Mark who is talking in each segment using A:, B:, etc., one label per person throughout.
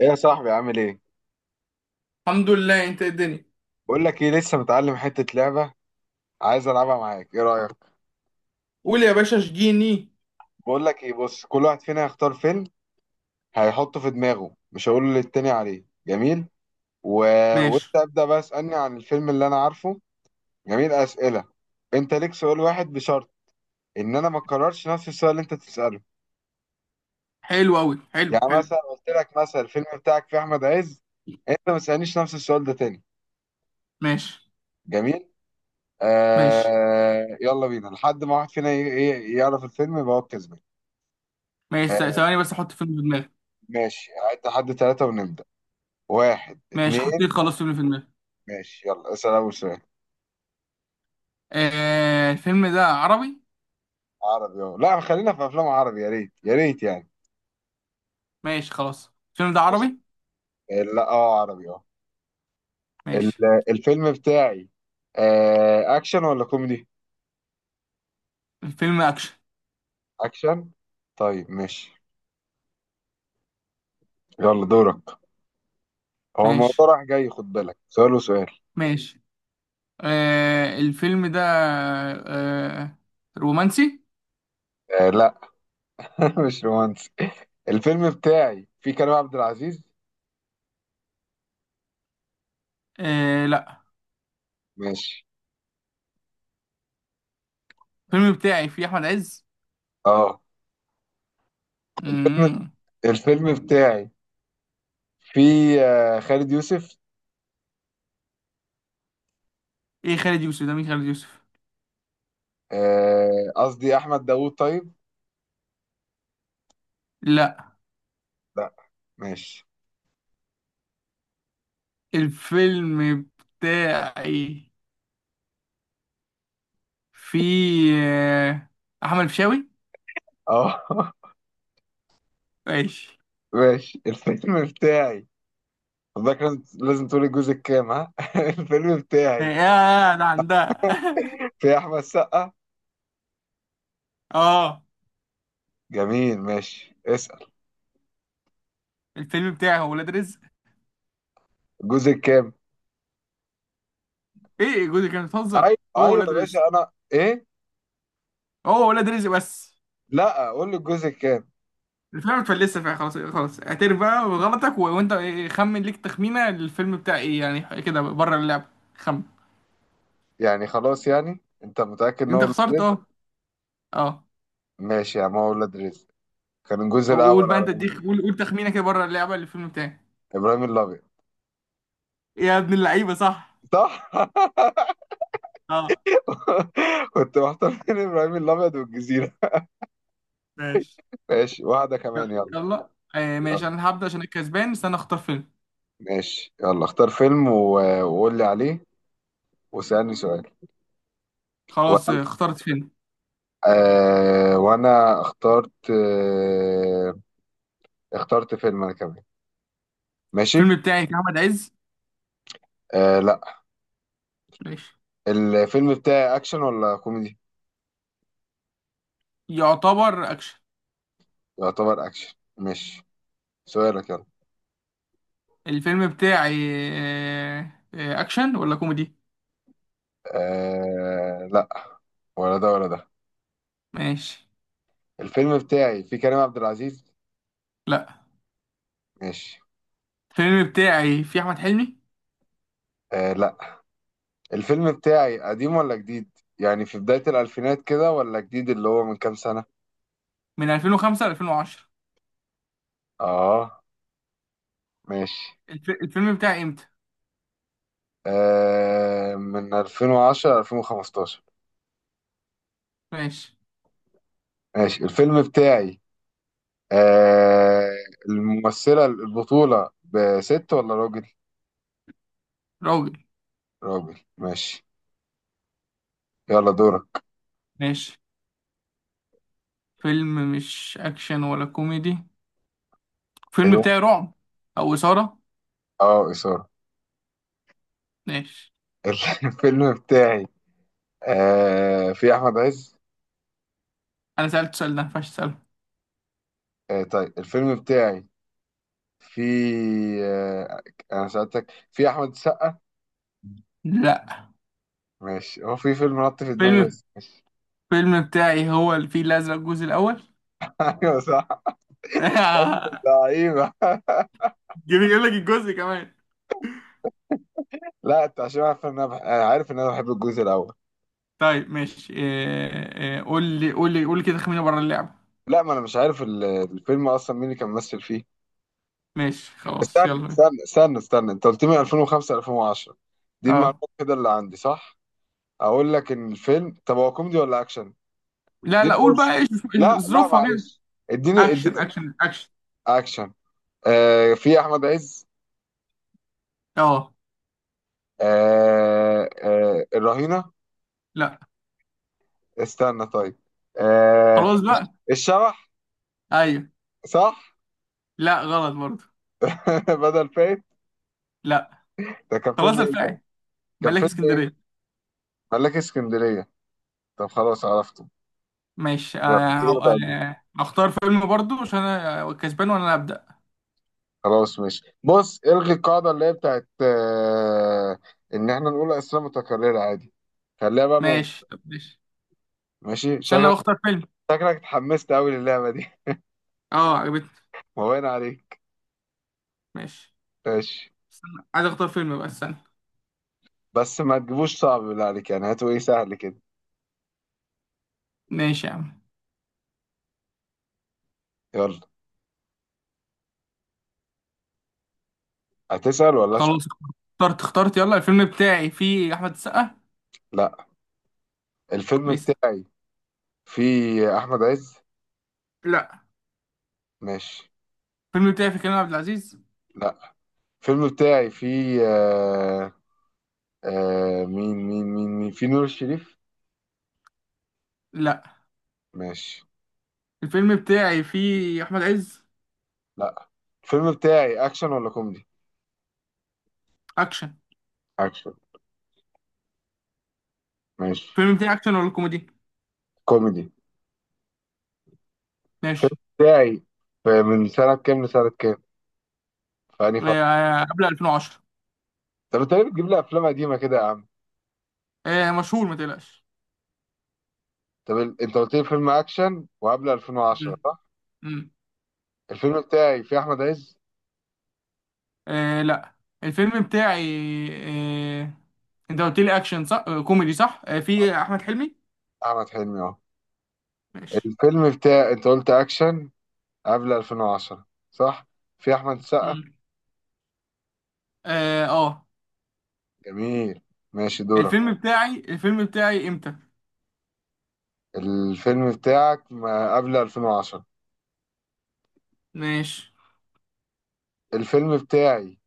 A: ايه يا صاحبي، عامل ايه؟
B: الحمد لله. انت ايه الدنيا؟
A: بقول لك ايه، لسه متعلم حته لعبه. عايز العبها معاك، ايه رايك؟
B: قول يا باشا، اشجيني.
A: بقول لك ايه، بص، كل واحد فينا هيختار فيلم، هيحطه في دماغه، مش هقول للتاني عليه. جميل. و...
B: ماشي.
A: وانت ابدا بقى اسالني عن الفيلم اللي انا عارفه. جميل، اسئله. انت ليك سؤال واحد بشرط ان انا ما اكررش نفس السؤال اللي انت تساله.
B: حلو قوي، حلو،
A: يعني
B: حلو.
A: مثلا قلت لك مثلا الفيلم بتاعك فيه احمد عز، انت ما تسالنيش نفس السؤال ده تاني.
B: ماشي،
A: جميل.
B: ماشي،
A: يلا بينا لحد ما واحد فينا يعرف الفيلم يبقى هو الكسبان.
B: ماشي، ث-
A: آه،
B: ثواني بس احط فيلم في دماغي.
A: ماشي. عد لحد ثلاثة ونبدأ. واحد،
B: ماشي، حطيت
A: اتنين.
B: خلاص فيلم في دماغي.
A: ماشي، يلا اسأل أول سؤال.
B: الفيلم ده عربي؟
A: عربي؟ اه لا، خلينا في أفلام عربي، يا ريت يا ريت يعني.
B: ماشي، خلاص. الفيلم ده
A: ماشي.
B: عربي.
A: لا، اه عربي اه.
B: ماشي.
A: الفيلم بتاعي أكشن ولا كوميدي؟
B: الفيلم اكشن.
A: أكشن. طيب ماشي. يلا دورك. هو الموضوع
B: ماشي،
A: راح جاي، خد بالك، سؤال وسؤال.
B: ماشي. الفيلم ده آه رومانسي؟
A: آه لا، مش رومانسي. الفيلم بتاعي فيه كريم عبد العزيز.
B: آه، لا.
A: ماشي.
B: الفيلم بتاعي فيه احمد عز.
A: اه. الفيلم
B: مم.
A: الفيلم بتاعي فيه خالد يوسف.
B: ايه خالد يوسف ده؟ مين خالد يوسف؟
A: قصدي احمد داوود. طيب.
B: لا.
A: لا. ماشي.
B: الفيلم بتاعي في آه، احمد الفيشاوي.
A: اه
B: ماشي.
A: ماشي، الفيلم بتاعي. حضرتك لازم لازم تقولي الجزء الكام. ها الفيلم بتاعي
B: يا ده عندها.
A: في احمد سقا.
B: اه.
A: جميل، ماشي، اسأل.
B: الفيلم بتاعي هو ولاد رزق.
A: الجزء الكام؟
B: ايه، جوزي كانت بتهزر،
A: ايوه
B: هو
A: ايوه يا
B: ولاد رزق.
A: باشا، انا ايه.
B: هو ولاد رزق بس.
A: لا، قول لي الجزء الكام.
B: الفيلم متفلسه فيها. خلاص، خلاص، اعترف بقى بغلطك، و... وانت إيه، خمن ليك تخمينه الفيلم بتاع ايه يعني، كده بره اللعبه. خمن.
A: يعني خلاص، يعني انت متأكد ان هو
B: انت
A: ولاد
B: خسرت.
A: رزق؟
B: اه. اه.
A: ماشي يا عم، هو ولاد رزق. كان الجزء
B: قول
A: الاول
B: بقى،
A: على
B: انت اديك،
A: مين؟
B: قول، قول تخمينه كده بره اللعبه الفيلم بتاعي.
A: ابراهيم الابيض.
B: يا ابن اللعيبه، صح.
A: صح.
B: اه.
A: كنت محتار بين ابراهيم الابيض والجزيرة.
B: ماشي،
A: ماشي، واحدة كمان يلا.
B: يلا. ماشي،
A: يلا.
B: انا هبدأ عشان الكسبان. استنى، اختار فيلم.
A: ماشي، يلا اختار فيلم وقول لي عليه. واسألني سؤال.
B: خلاص،
A: وانا
B: اخترت فيلم.
A: وانا اخترت اخترت فيلم انا كمان. ماشي.
B: الفيلم بتاعي كان احمد عز.
A: آه لا.
B: ماشي.
A: الفيلم بتاعي اكشن ولا كوميدي؟
B: يعتبر اكشن.
A: يعتبر اكشن. ماشي. سؤالك يلا.
B: الفيلم بتاعي آه اكشن ولا كوميدي؟
A: آه لا، ولا ده ولا ده.
B: ماشي.
A: الفيلم بتاعي فيه كريم عبد العزيز.
B: لا.
A: ماشي.
B: الفيلم بتاعي فيه احمد حلمي
A: آه لا. الفيلم بتاعي قديم ولا جديد؟ يعني في بداية الألفينات كده، ولا جديد اللي هو من كام سنة.
B: من 2005 ل 2010.
A: اه. ماشي.
B: الفيلم بتاعي امتى؟
A: آه من 2010 ل 2015.
B: ماشي.
A: ماشي، الفيلم بتاعي آه الممثلة البطولة بست ولا راجل؟
B: راجل.
A: راجل. ماشي. يلا دورك.
B: ماشي. فيلم مش اكشن ولا كوميدي. الفيلم
A: ايوه.
B: بتاعي رعب. او اثارة.
A: اه، إثارة.
B: ماشي.
A: الفيلم بتاعي في أحمد عز.
B: انا سألت السؤال ده، ما ينفعش اسأله.
A: آه طيب، الفيلم بتاعي في آه أنا سألتك في أحمد السقا.
B: لا.
A: ماشي، هو في فيلم نط في دماغي
B: فيلم
A: بس.
B: الفيلم بتاعي هو الفيل الأزرق الجزء الأول.
A: أيوه صح. يا ابن اللعيبة.
B: يجيب لك الجزء كمان.
A: لا، أنت عشان عارف إن أنا أنا عارف إن أنا بحب الجزء الأول.
B: طيب، ماشي. قول لي، قول لي، قول لي كده خمينة بره اللعبة.
A: لا، ما انا مش عارف الفيلم اصلا مين اللي كان ممثل فيه.
B: ماشي، خلاص.
A: استنى
B: يلا بينا.
A: استنى استنى استنى، انت قلت لي 2005 2010. دي
B: اه.
A: المعلومات كده اللي عندي، صح؟ اقول لك ان الفيلم، طب هو كوميدي ولا اكشن.
B: لا، لا،
A: اديني
B: قول
A: فرصه.
B: بقى
A: لا لا
B: ظروفها كده.
A: معلش. اديني اديني.
B: اكشن، اكشن، اكشن.
A: اكشن. آه في احمد عز.
B: اه.
A: الرهينه.
B: لا،
A: استنى طيب. آه
B: خلاص بقى.
A: الشبح.
B: ايوه.
A: صح.
B: لا، غلط برضه.
A: بدل فايت.
B: لا.
A: ده كان
B: خلاص.
A: فيلم ايه ده؟
B: الفاعل.
A: كان
B: ملاك
A: فيلم ايه؟
B: اسكندرية.
A: ملاك اسكندريه. طب خلاص عرفته.
B: ماشي.
A: يلا كده.
B: هختار فيلم برضه عشان انا كسبان وانا اللي هبدأ.
A: خلاص ماشي، بص، الغي القاعدة اللي هي بتاعت ان احنا نقول اسئلة متكررة. عادي، خليها بقى موجودة.
B: ماشي، طب، ماشي.
A: ماشي.
B: استنى، بختار فيلم.
A: شكلك اتحمست قوي للعبة دي.
B: اه، عجبتني.
A: مبين عليك.
B: ماشي،
A: ماشي.
B: استنى. عايز اختار فيلم بقى، استنى.
A: بس ما تجيبوش صعب، بالله عليك يعني، هاتوا ايه سهل كده.
B: ماشي يا عم.
A: يلا. هتسأل ولا اسأل؟
B: خلاص، اخترت، اخترت. يلا، الفيلم بتاعي فيه احمد السقا.
A: لا، الفيلم
B: ميس.
A: بتاعي فيه احمد عز.
B: لا.
A: ماشي.
B: الفيلم بتاعي فيه كريم عبد العزيز.
A: لا، الفيلم بتاعي فيه مين مين مين مين، فيه نور الشريف.
B: لا.
A: ماشي.
B: الفيلم بتاعي فيه احمد عز.
A: لا، الفيلم بتاعي اكشن ولا كوميدي؟
B: اكشن.
A: اكشن. ماشي.
B: الفيلم بتاعي اكشن ولا كوميدي؟
A: كوميدي. الفيلم
B: ماشي.
A: بتاعي من سنة كام لسنة كام؟ في أنهي فترة؟
B: قبل 2010.
A: طب أنت ليه بتجيب لي أفلام قديمة كده يا عم؟
B: مشهور، ما تقلقش.
A: طب أنت قلت لي فيلم أكشن وقبل 2010
B: مم،
A: صح؟
B: مم.
A: الفيلم بتاعي فيه أحمد عز؟
B: آه، لا. الفيلم بتاعي، آه، انت قلت لي اكشن، صح؟ كوميدي، صح؟ فيه احمد حلمي.
A: أحمد حلمي أهو.
B: ماشي.
A: الفيلم بتاعي أنت قلت أكشن قبل 2010 صح؟ فيه أحمد السقا؟
B: مم. اه. آه.
A: جميل، ماشي، دورك.
B: الفيلم بتاعي امتى؟
A: الفيلم بتاعك ما قبل 2010.
B: ماشي.
A: الفيلم بتاعي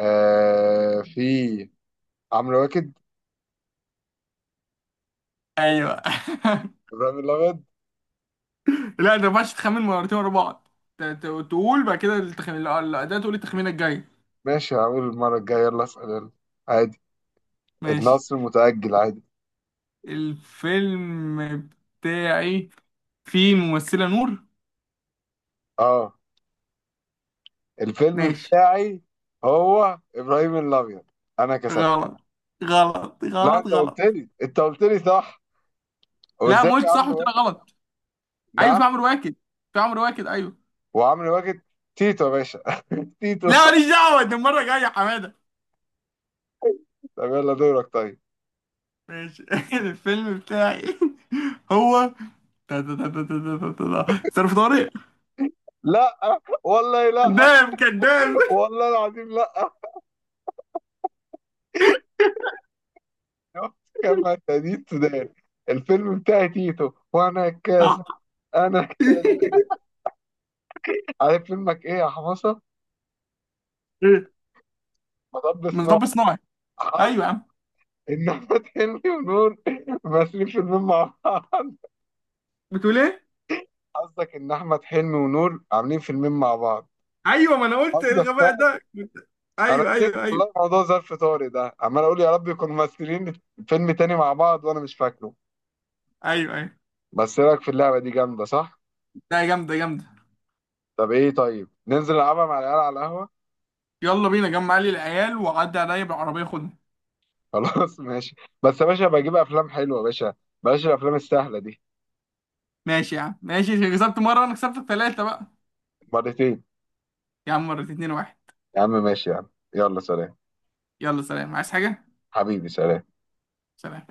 A: فيه عمرو واكد.
B: ايوه.
A: إبراهيم الأبيض.
B: لا، انت ما ينفعش تخمن مرتين ورا بعض. تقول بعد كده، ده تقول التخمينه الجايه.
A: ماشي، هقول المرة الجاية. يلا اسأل يلا. عادي،
B: ماشي.
A: النصر متأجل. عادي.
B: الفيلم بتاعي فيه ممثله نور.
A: اه. الفيلم
B: ماشي.
A: بتاعي هو إبراهيم الأبيض. أنا كسبت.
B: غلط، غلط،
A: لا،
B: غلط،
A: أنت
B: غلط.
A: قلت لي، أنت قلت لي صح. هو
B: لا،
A: إزاي
B: ما قلت
A: يا
B: صح، وقلت
A: عمرو
B: لها
A: واكد.
B: غلط. ايوه،
A: نعم.
B: في عمرو واكد. في عمرو واكد، ايوه.
A: وعمرو واكد، تيتو يا باشا. تيتو.
B: لا، ماليش دعوه، ده المره الجايه يا حماده.
A: طب يلا دورك طيب.
B: ماشي. الفيلم بتاعي. هو ظرف طارق.
A: لا والله لا.
B: كذاب، كذاب.
A: والله العظيم لا. كما تدين سودان. الفيلم بتاعي تيتو، وأنا كاس. أنا كاس.
B: ايه؟
A: عارف فيلمك إيه يا حمصة؟ مطب
B: من
A: صناعي.
B: رب صناعي. ايوه يا عم.
A: ان احمد حلمي ونور ماسكين فيلمين مع بعض.
B: بتقول ايه؟
A: قصدك ان احمد حلمي ونور عاملين فيلمين مع بعض.
B: ايوه، ما انا قلت إيه
A: قصدك
B: الغباء
A: بقى.
B: ده،
A: انا
B: ايوه،
A: نسيت
B: ايوه، ايوه.
A: والله موضوع ظرف طارق ده، عمال اقول يا رب يكونوا ممثلين فيلم تاني مع بعض وانا مش فاكره.
B: ايوه، ايوه.
A: بس إيه رايك في اللعبه دي، جامده صح؟
B: ده جامده، جامده.
A: طب ايه، طيب ننزل نلعبها مع العيال على القهوه.
B: يلا بينا، جمع لي العيال وعدي عليا بالعربيه، خدني.
A: خلاص ماشي. بس يا باشا، بجيب افلام حلوه يا باشا، بلاش الافلام السهله دي.
B: ماشي يا عم، ماشي. كسبت مره وانا كسبت ثلاثه بقى.
A: مرتين.
B: يا عم، مرة، اتنين، واحد.
A: يا عم ماشي يا عم. يلا سلام.
B: يلا، سلام. عايز حاجه؟
A: حبيبي سلام.
B: سلام.